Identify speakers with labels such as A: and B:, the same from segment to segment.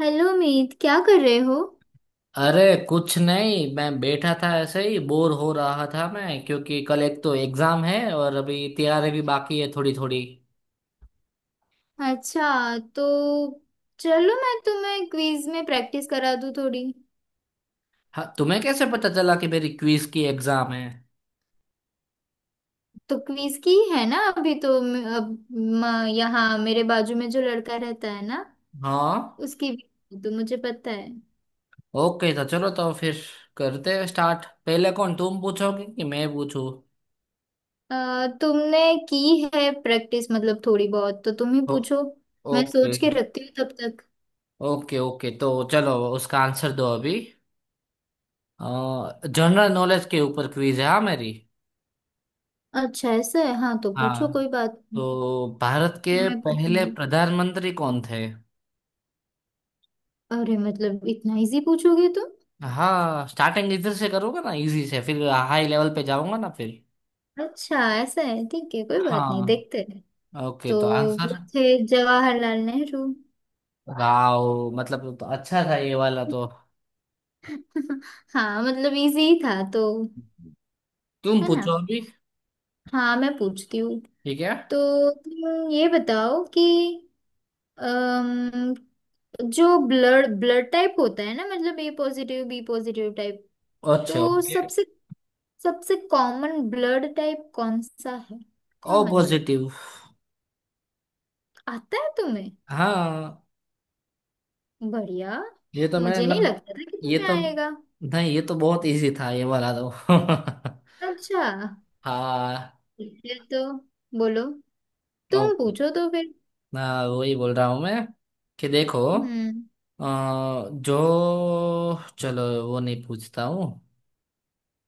A: Hello Meet, क्या कर रहे हो?
B: अरे कुछ नहीं, मैं बैठा था ऐसे ही बोर हो रहा था मैं, क्योंकि कल एक तो एग्जाम है और अभी तैयारी भी बाकी है थोड़ी थोड़ी
A: अच्छा तो चलो, मैं तुम्हें क्विज में प्रैक्टिस करा दूँ थोड़ी।
B: हाँ, तुम्हें कैसे पता चला कि मेरी क्विज की एग्जाम है।
A: तो क्विज की है ना। अभी तो यहाँ मेरे बाजू में जो लड़का रहता है ना,
B: हाँ।
A: उसकी भी तो मुझे पता है।
B: ओके, तो चलो तो फिर करते हैं स्टार्ट। पहले कौन, तुम पूछोगे कि मैं पूछूं?
A: तुमने की है प्रैक्टिस, मतलब थोड़ी बहुत, तो तुम ही
B: ओ,
A: पूछो। मैं
B: ओके
A: सोच के रखती हूँ तब तक।
B: ओके ओके तो चलो, उसका आंसर दो अभी। जनरल नॉलेज के ऊपर क्विज है, हाँ मेरी।
A: अच्छा ऐसा है, हाँ तो पूछो,
B: हाँ,
A: कोई बात नहीं।
B: तो भारत
A: फिर
B: के
A: मैं
B: पहले
A: पूछूंगी।
B: प्रधानमंत्री कौन थे?
A: अरे, मतलब इतना इजी पूछोगे तुम?
B: हाँ स्टार्टिंग इधर से करोगे ना इजी से, फिर हाई लेवल पे जाऊंगा ना फिर।
A: अच्छा ऐसा है, ठीक है, कोई बात नहीं,
B: हाँ
A: देखते हैं।
B: ओके,
A: तो
B: तो
A: वो
B: आंसर।
A: थे जवाहरलाल नेहरू।
B: वाओ, मतलब तो अच्छा था ये वाला तो।
A: हाँ, मतलब इजी ही था तो।
B: तुम
A: है ना।
B: पूछो अभी।
A: हाँ, मैं पूछती हूँ।
B: ठीक है।
A: तो तुम ये बताओ कि अम, जो ब्लड ब्लड टाइप होता है ना, मतलब A positive, B positive type.
B: अच्छा
A: तो
B: ओके।
A: सबसे सबसे कॉमन ब्लड टाइप कौन सा है?
B: O
A: common.
B: पॉजिटिव।
A: आता है तुम्हें?
B: हाँ।
A: बढ़िया।
B: ये तो मैंने
A: मुझे नहीं
B: लग
A: लगता था कि
B: ये
A: तुम्हें
B: तो
A: आएगा।
B: नहीं, ये तो बहुत इजी था ये वाला तो।
A: अच्छा।
B: हाँ।
A: फिर तो बोलो। तुम
B: ओके।
A: पूछो तो फिर।
B: हाँ, वही बोल रहा हूँ मैं कि देखो।
A: हम्म।
B: अ, जो चलो वो नहीं पूछता हूँ।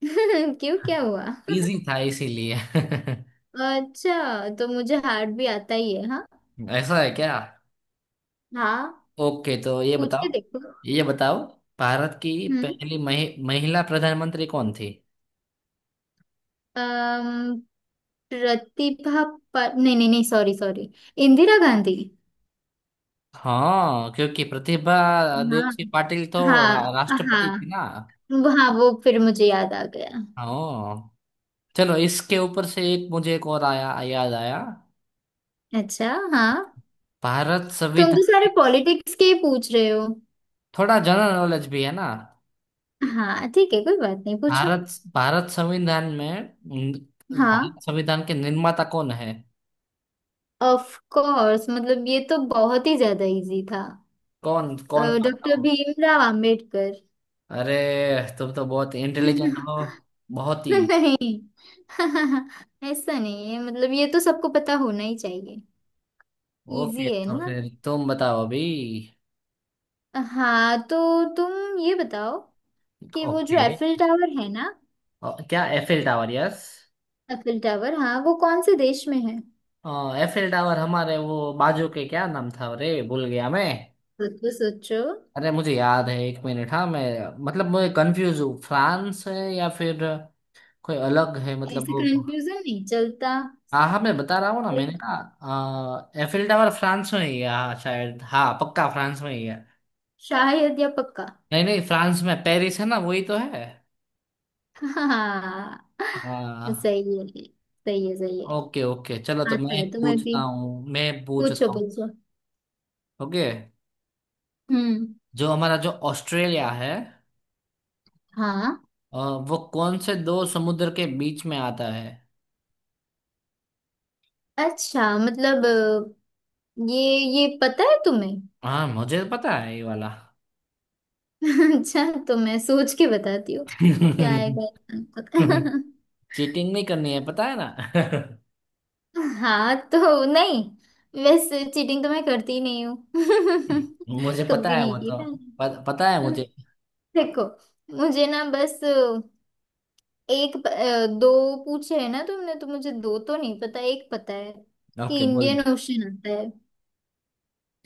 A: क्यों, क्या हुआ?
B: इजी था इसीलिए।
A: अच्छा, तो मुझे हार्ट भी आता ही है हाँ।
B: ऐसा है क्या?
A: हाँ।
B: ओके तो ये
A: पूछ के
B: बताओ।
A: देखो।
B: ये बताओ, भारत की
A: हम्म।
B: पहली महिला प्रधानमंत्री कौन थी?
A: अम, प्रतिभा। पर नहीं नहीं नहीं, सॉरी सॉरी। इंदिरा गांधी।
B: हाँ, क्योंकि प्रतिभा देव
A: हाँ
B: सिंह पाटिल तो
A: हाँ,
B: राष्ट्रपति
A: हाँ।
B: थी ना।
A: हाँ, वो फिर मुझे याद आ गया।
B: हाँ। चलो, इसके ऊपर से एक मुझे एक और आया याद आया।
A: अच्छा हाँ।
B: भारत
A: तुम
B: संविधान।
A: तो सारे पॉलिटिक्स के ही पूछ रहे हो।
B: थोड़ा जनरल नॉलेज भी है ना।
A: हाँ ठीक है, कोई बात नहीं, पूछो।
B: भारत भारत संविधान में न-
A: हाँ।
B: भारत संविधान के निर्माता कौन है?
A: ऑफ कोर्स, मतलब ये तो बहुत ही ज्यादा इजी था।
B: कौन कौन
A: डॉक्टर
B: था?
A: भीमराव आम्बेडकर।
B: अरे, तुम तो बहुत इंटेलिजेंट हो। बहुत ही।
A: नहीं। ऐसा नहीं है, मतलब ये तो सबको पता होना ही चाहिए। इजी
B: ओके
A: है
B: तो
A: ना।
B: फिर तुम बताओ अभी।
A: हाँ, तो तुम ये बताओ कि वो जो
B: ओके।
A: एफिल टावर है ना।
B: क्या Eiffel tower? Yes,
A: Eiffel tower, हाँ, वो कौन से देश में है?
B: एफिल टावर हमारे वो बाजू के क्या नाम था रे, भूल गया मैं।
A: सोचो सोचो।
B: अरे मुझे याद है एक मिनट, हाँ मैं। मतलब मैं कंफ्यूज हूँ फ्रांस है या फिर कोई अलग है, मतलब
A: ऐसे
B: वो।
A: कंफ्यूजन नहीं चलता।
B: हाँ हाँ, मैं बता रहा हूँ ना, मैंने
A: सही।
B: कहा एफिल टावर फ्रांस में ही है, हाँ शायद, हाँ पक्का फ्रांस में ही है।
A: शायद या पक्का?
B: नहीं नहीं, फ्रांस में पेरिस है ना, वही तो है।
A: हाँ।
B: हाँ।
A: सही है, सही है, सही है।
B: ओके ओके चलो, तो
A: आता
B: मैं
A: है तुम्हें भी।
B: पूछता हूँ मैं
A: पूछो
B: पूछता हूँ
A: पूछो।
B: ओके।
A: हम्म।
B: जो हमारा जो ऑस्ट्रेलिया है,
A: हाँ।
B: अ, वो कौन से दो समुद्र के बीच में आता है?
A: अच्छा मतलब, ये ये पता है तुम्हें?
B: हाँ मुझे तो पता है ये वाला।
A: अच्छा, तो मैं सोच के बताती हूँ। क्या आएगा इसका पता।
B: चीटिंग नहीं करनी है, पता है ना।
A: हाँ तो नहीं। वैसे चीटिंग तो मैं करती ही नहीं हूँ।
B: मुझे पता
A: कभी
B: है
A: नहीं
B: वो
A: की
B: तो।
A: मैंने।
B: पता है मुझे।
A: देखो। मुझे ना बस, दो पूछे है ना तुमने, तो मुझे दो तो नहीं पता, एक पता है। कि
B: ओके बोल।
A: इंडियन ओशन आता है।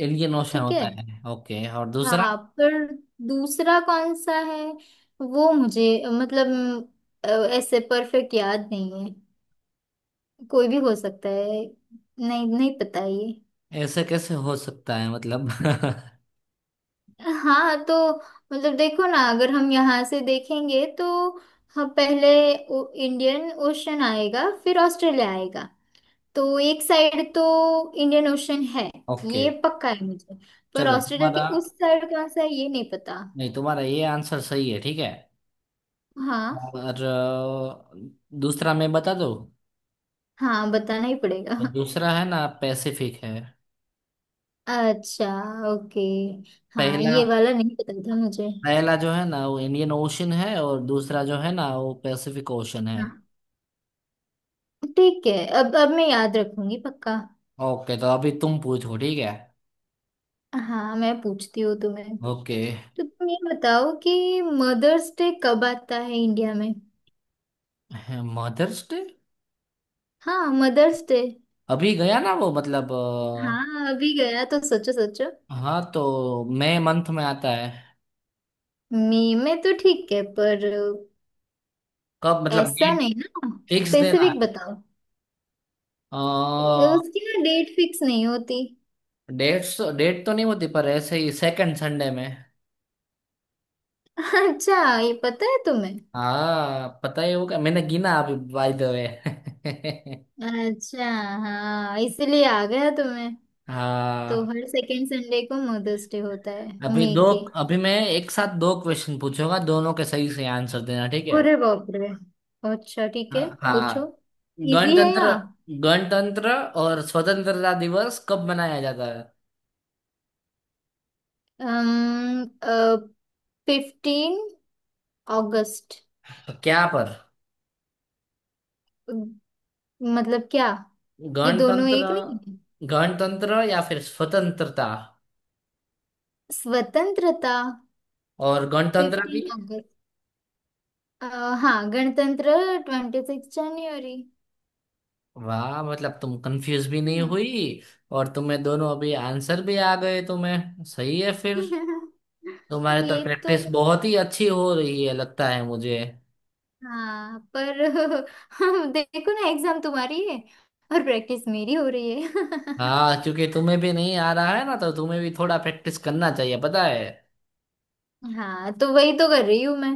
B: इंडियन ओशन
A: ठीक है।
B: होता है ओके, और दूसरा?
A: हाँ पर, दूसरा कौन सा है? वो मुझे, मतलब, अ, ऐसे परफेक्ट याद नहीं है। कोई भी हो सकता है। नहीं, नहीं पता ये।
B: ऐसे कैसे हो सकता है मतलब।
A: हाँ तो मतलब देखो ना, अगर हम यहाँ से देखेंगे तो। हम पहले इंडियन ओशन आएगा, फिर ऑस्ट्रेलिया आएगा। तो एक साइड तो इंडियन ओशन है।
B: ओके
A: ये पक्का है मुझे। पर
B: चलो,
A: ऑस्ट्रेलिया
B: तुम्हारा,
A: के उस साइड कौन सा है, ये नहीं पता।
B: नहीं तुम्हारा ये आंसर सही है, ठीक है।
A: हाँ
B: और दूसरा मैं बता दो।
A: हाँ, बताना ही पड़ेगा।
B: और दूसरा है ना पैसिफिक है।
A: अच्छा। ओके। हाँ,
B: पहला
A: ये वाला नहीं पता था मुझे।
B: पहला जो है ना वो इंडियन ओशन है, और दूसरा जो है ना वो पैसिफिक ओशन है।
A: हाँ, ठीक है। अब मैं याद रखूंगी पक्का।
B: ओके तो अभी तुम पूछो, ठीक है।
A: हाँ, मैं पूछती हूँ तुम्हें।
B: ओके।
A: तो तुम ये बताओ कि मदर्स डे कब आता है इंडिया में?
B: मदर्स डे
A: हाँ, मदर्स डे।
B: अभी गया ना वो, मतलब,
A: हाँ, अभी गया तो सोचो सोचो।
B: हाँ तो मई मंथ में आता है।
A: मई में तो ठीक है, पर।
B: कब मतलब?
A: ऐसा
B: डेट
A: नहीं ना।
B: फिक्स देना
A: स्पेसिफिक
B: है?
A: बताओ।
B: अ,
A: ये उसकी ना डेट फिक्स नहीं होती।
B: डेट तो नहीं होती पर ऐसे ही सेकंड संडे में।
A: अच्छा, ये पता है तुम्हें?
B: हाँ, पता ही होगा, मैंने गिना अभी बाय द वे।
A: अच्छा, हाँ इसीलिए आ गया तुम्हें। तो
B: हाँ।
A: हर सेकेंड संडे को मदर्स डे होता है।
B: अभी दो,
A: मई के।
B: अभी मैं एक साथ दो क्वेश्चन पूछूंगा, दोनों के सही से आंसर देना ठीक है।
A: अरे बाप रे। अच्छा, ठीक है।
B: हाँ
A: पूछो।
B: हाँ।
A: इजी है या?
B: गणतंत्र गणतंत्र और स्वतंत्रता दिवस कब मनाया जाता है?
A: 15 अगस्त।
B: क्या पर।
A: मतलब क्या? ये दोनों
B: गणतंत्र
A: एक नहीं है?
B: गणतंत्र या फिर स्वतंत्रता,
A: स्वतंत्रता।
B: और गणतंत्र भी।
A: 15 अगस्त। अ, हाँ, गणतंत्र। 26 जनवरी।
B: वाह, मतलब तुम कंफ्यूज भी नहीं
A: ना।
B: हुई, और तुम्हें दोनों अभी आंसर भी आ गए तुम्हें, सही है फिर। तुम्हारे तो
A: ये तो,
B: प्रैक्टिस बहुत ही अच्छी हो रही है लगता है मुझे।
A: हाँ पर देखो ना, एग्जाम तुम्हारी है, और प्रैक्टिस मेरी हो रही है।
B: हाँ, क्योंकि तुम्हें भी नहीं आ रहा है ना, तो तुम्हें भी थोड़ा प्रैक्टिस करना चाहिए, पता है।
A: हाँ तो वही तो कर रही हूँ मैं।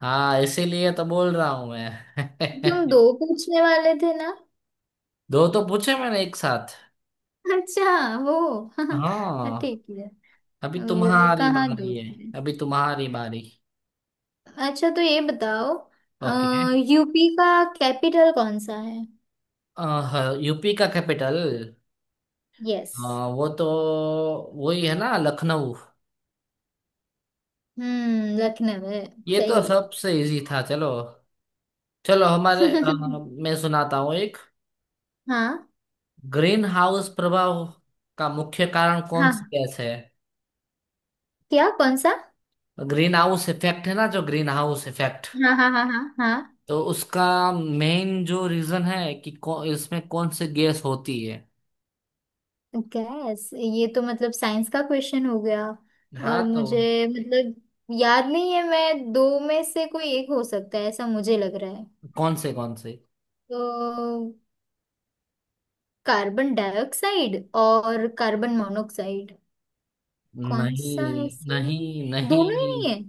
B: हाँ इसीलिए तो बोल रहा हूँ
A: तुम
B: मैं।
A: दो पूछने वाले थे ना?
B: दो तो पूछे मैंने एक साथ।
A: अच्छा। वो।
B: हाँ,
A: ठीक है।
B: अभी
A: वो
B: तुम्हारी
A: कहाँ
B: बारी है।
A: गई?
B: अभी तुम्हारी बारी।
A: अच्छा, तो ये बताओ।
B: ओके।
A: यूपी का कैपिटल कौन सा है?
B: यूपी का कैपिटल?
A: यस।
B: हाँ, वो तो वही है ना, लखनऊ।
A: हम्म, लखनऊ है।
B: ये तो
A: सही है।
B: सबसे इजी था, चलो। चलो हमारे, मैं सुनाता हूँ एक।
A: हाँ।
B: ग्रीन हाउस प्रभाव का मुख्य कारण कौन सी
A: हाँ,
B: गैस है?
A: क्या? कौन सा?
B: ग्रीन हाउस इफेक्ट है ना जो ग्रीन हाउस इफेक्ट,
A: हाँ, हाँ, हाँ, हाँ, हाँ।
B: तो उसका मेन जो रीजन है कि इसमें कौन सी गैस होती है।
A: गैस, ये तो मतलब साइंस का क्वेश्चन हो गया।
B: हाँ
A: और
B: तो।
A: मुझे मतलब याद नहीं है, मैं दो में से कोई एक हो सकता है ऐसा मुझे लग रहा है।
B: कौन से कौन से?
A: तो कार्बन डाइऑक्साइड और कार्बन मोनोक्साइड। कौन सा है
B: नहीं
A: सही?
B: नहीं
A: दोनों ही
B: नहीं
A: नहीं है?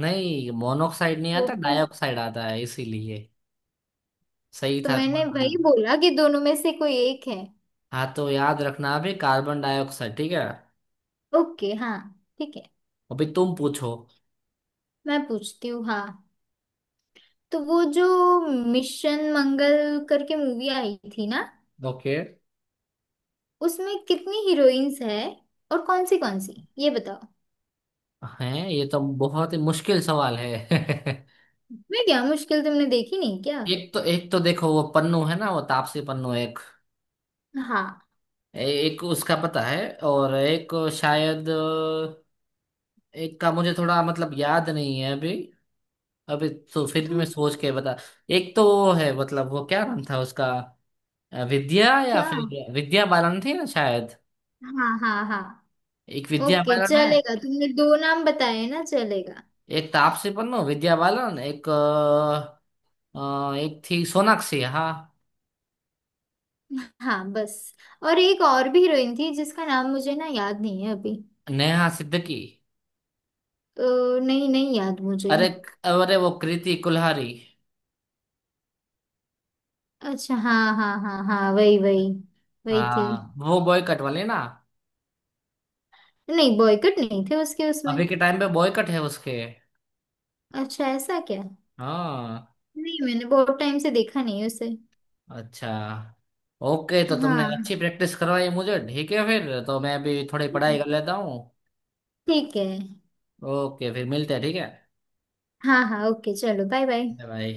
B: नहीं मोनोऑक्साइड नहीं
A: तो
B: आता,
A: फिर।
B: डाइऑक्साइड आता है इसीलिए। सही
A: तो
B: था
A: मैंने
B: तुम्हारा।
A: वही बोला कि दोनों में से कोई एक है।
B: हाँ, तो याद रखना अभी कार्बन डाइऑक्साइड, ठीक है।
A: ओके, हाँ। ठीक है।
B: अभी तुम पूछो।
A: मैं पूछती हूँ, हाँ। तो वो जो मिशन मंगल करके मूवी आई थी ना,
B: ओके
A: उसमें कितनी हीरोइंस है, और कौन सी ये बताओ।
B: है। ये तो बहुत ही मुश्किल सवाल है।
A: मैं क्या मुश्किल? तुमने देखी नहीं क्या?
B: एक तो देखो वो पन्नू है ना, वो तापसी पन्नू एक,
A: हाँ।
B: एक उसका पता है। और एक शायद, एक का मुझे थोड़ा मतलब याद नहीं है अभी अभी तो फिर भी मैं
A: तुमने
B: सोच के बता। एक तो वो है, मतलब वो क्या नाम था उसका, विद्या या
A: क्या?
B: फिर विद्या बालन थी ना शायद।
A: हाँ, हाँ, हाँ।
B: एक विद्या
A: ओके,
B: बालन है।
A: चलेगा, तुमने दो नाम बताए ना, चलेगा।
B: एक तापसी पन्नू, विद्या बालन, एक थी सोनाक्षी, हाँ।
A: हाँ, बस। और एक और भी हीरोइन थी जिसका नाम मुझे ना याद नहीं है अभी।
B: नेहा सिद्दीकी।
A: तो नहीं, नहीं याद मुझे।
B: अरे, अरे वो कृति कुल्हारी।
A: अच्छा, हाँ, हाँ, हाँ, हाँ, वही वही। वही थी।
B: हाँ, वो बॉय कट वाले ना।
A: नहीं, बॉयकट नहीं थे उसके, उसमें।
B: अभी के टाइम पे बॉय कट है उसके।
A: अच्छा, ऐसा क्या?
B: हाँ।
A: नहीं, मैंने बहुत टाइम से देखा नहीं उसे।
B: अच्छा। ओके तो तुमने
A: हाँ,
B: अच्छी प्रैक्टिस करवाई मुझे, ठीक है, फिर तो मैं अभी थोड़ी पढ़ाई कर लेता हूँ।
A: ठीक है।
B: ओके, फिर मिलते हैं, ठीक है।
A: हाँ हाँ, ओके, चलो, बाय बाय।
B: बाय।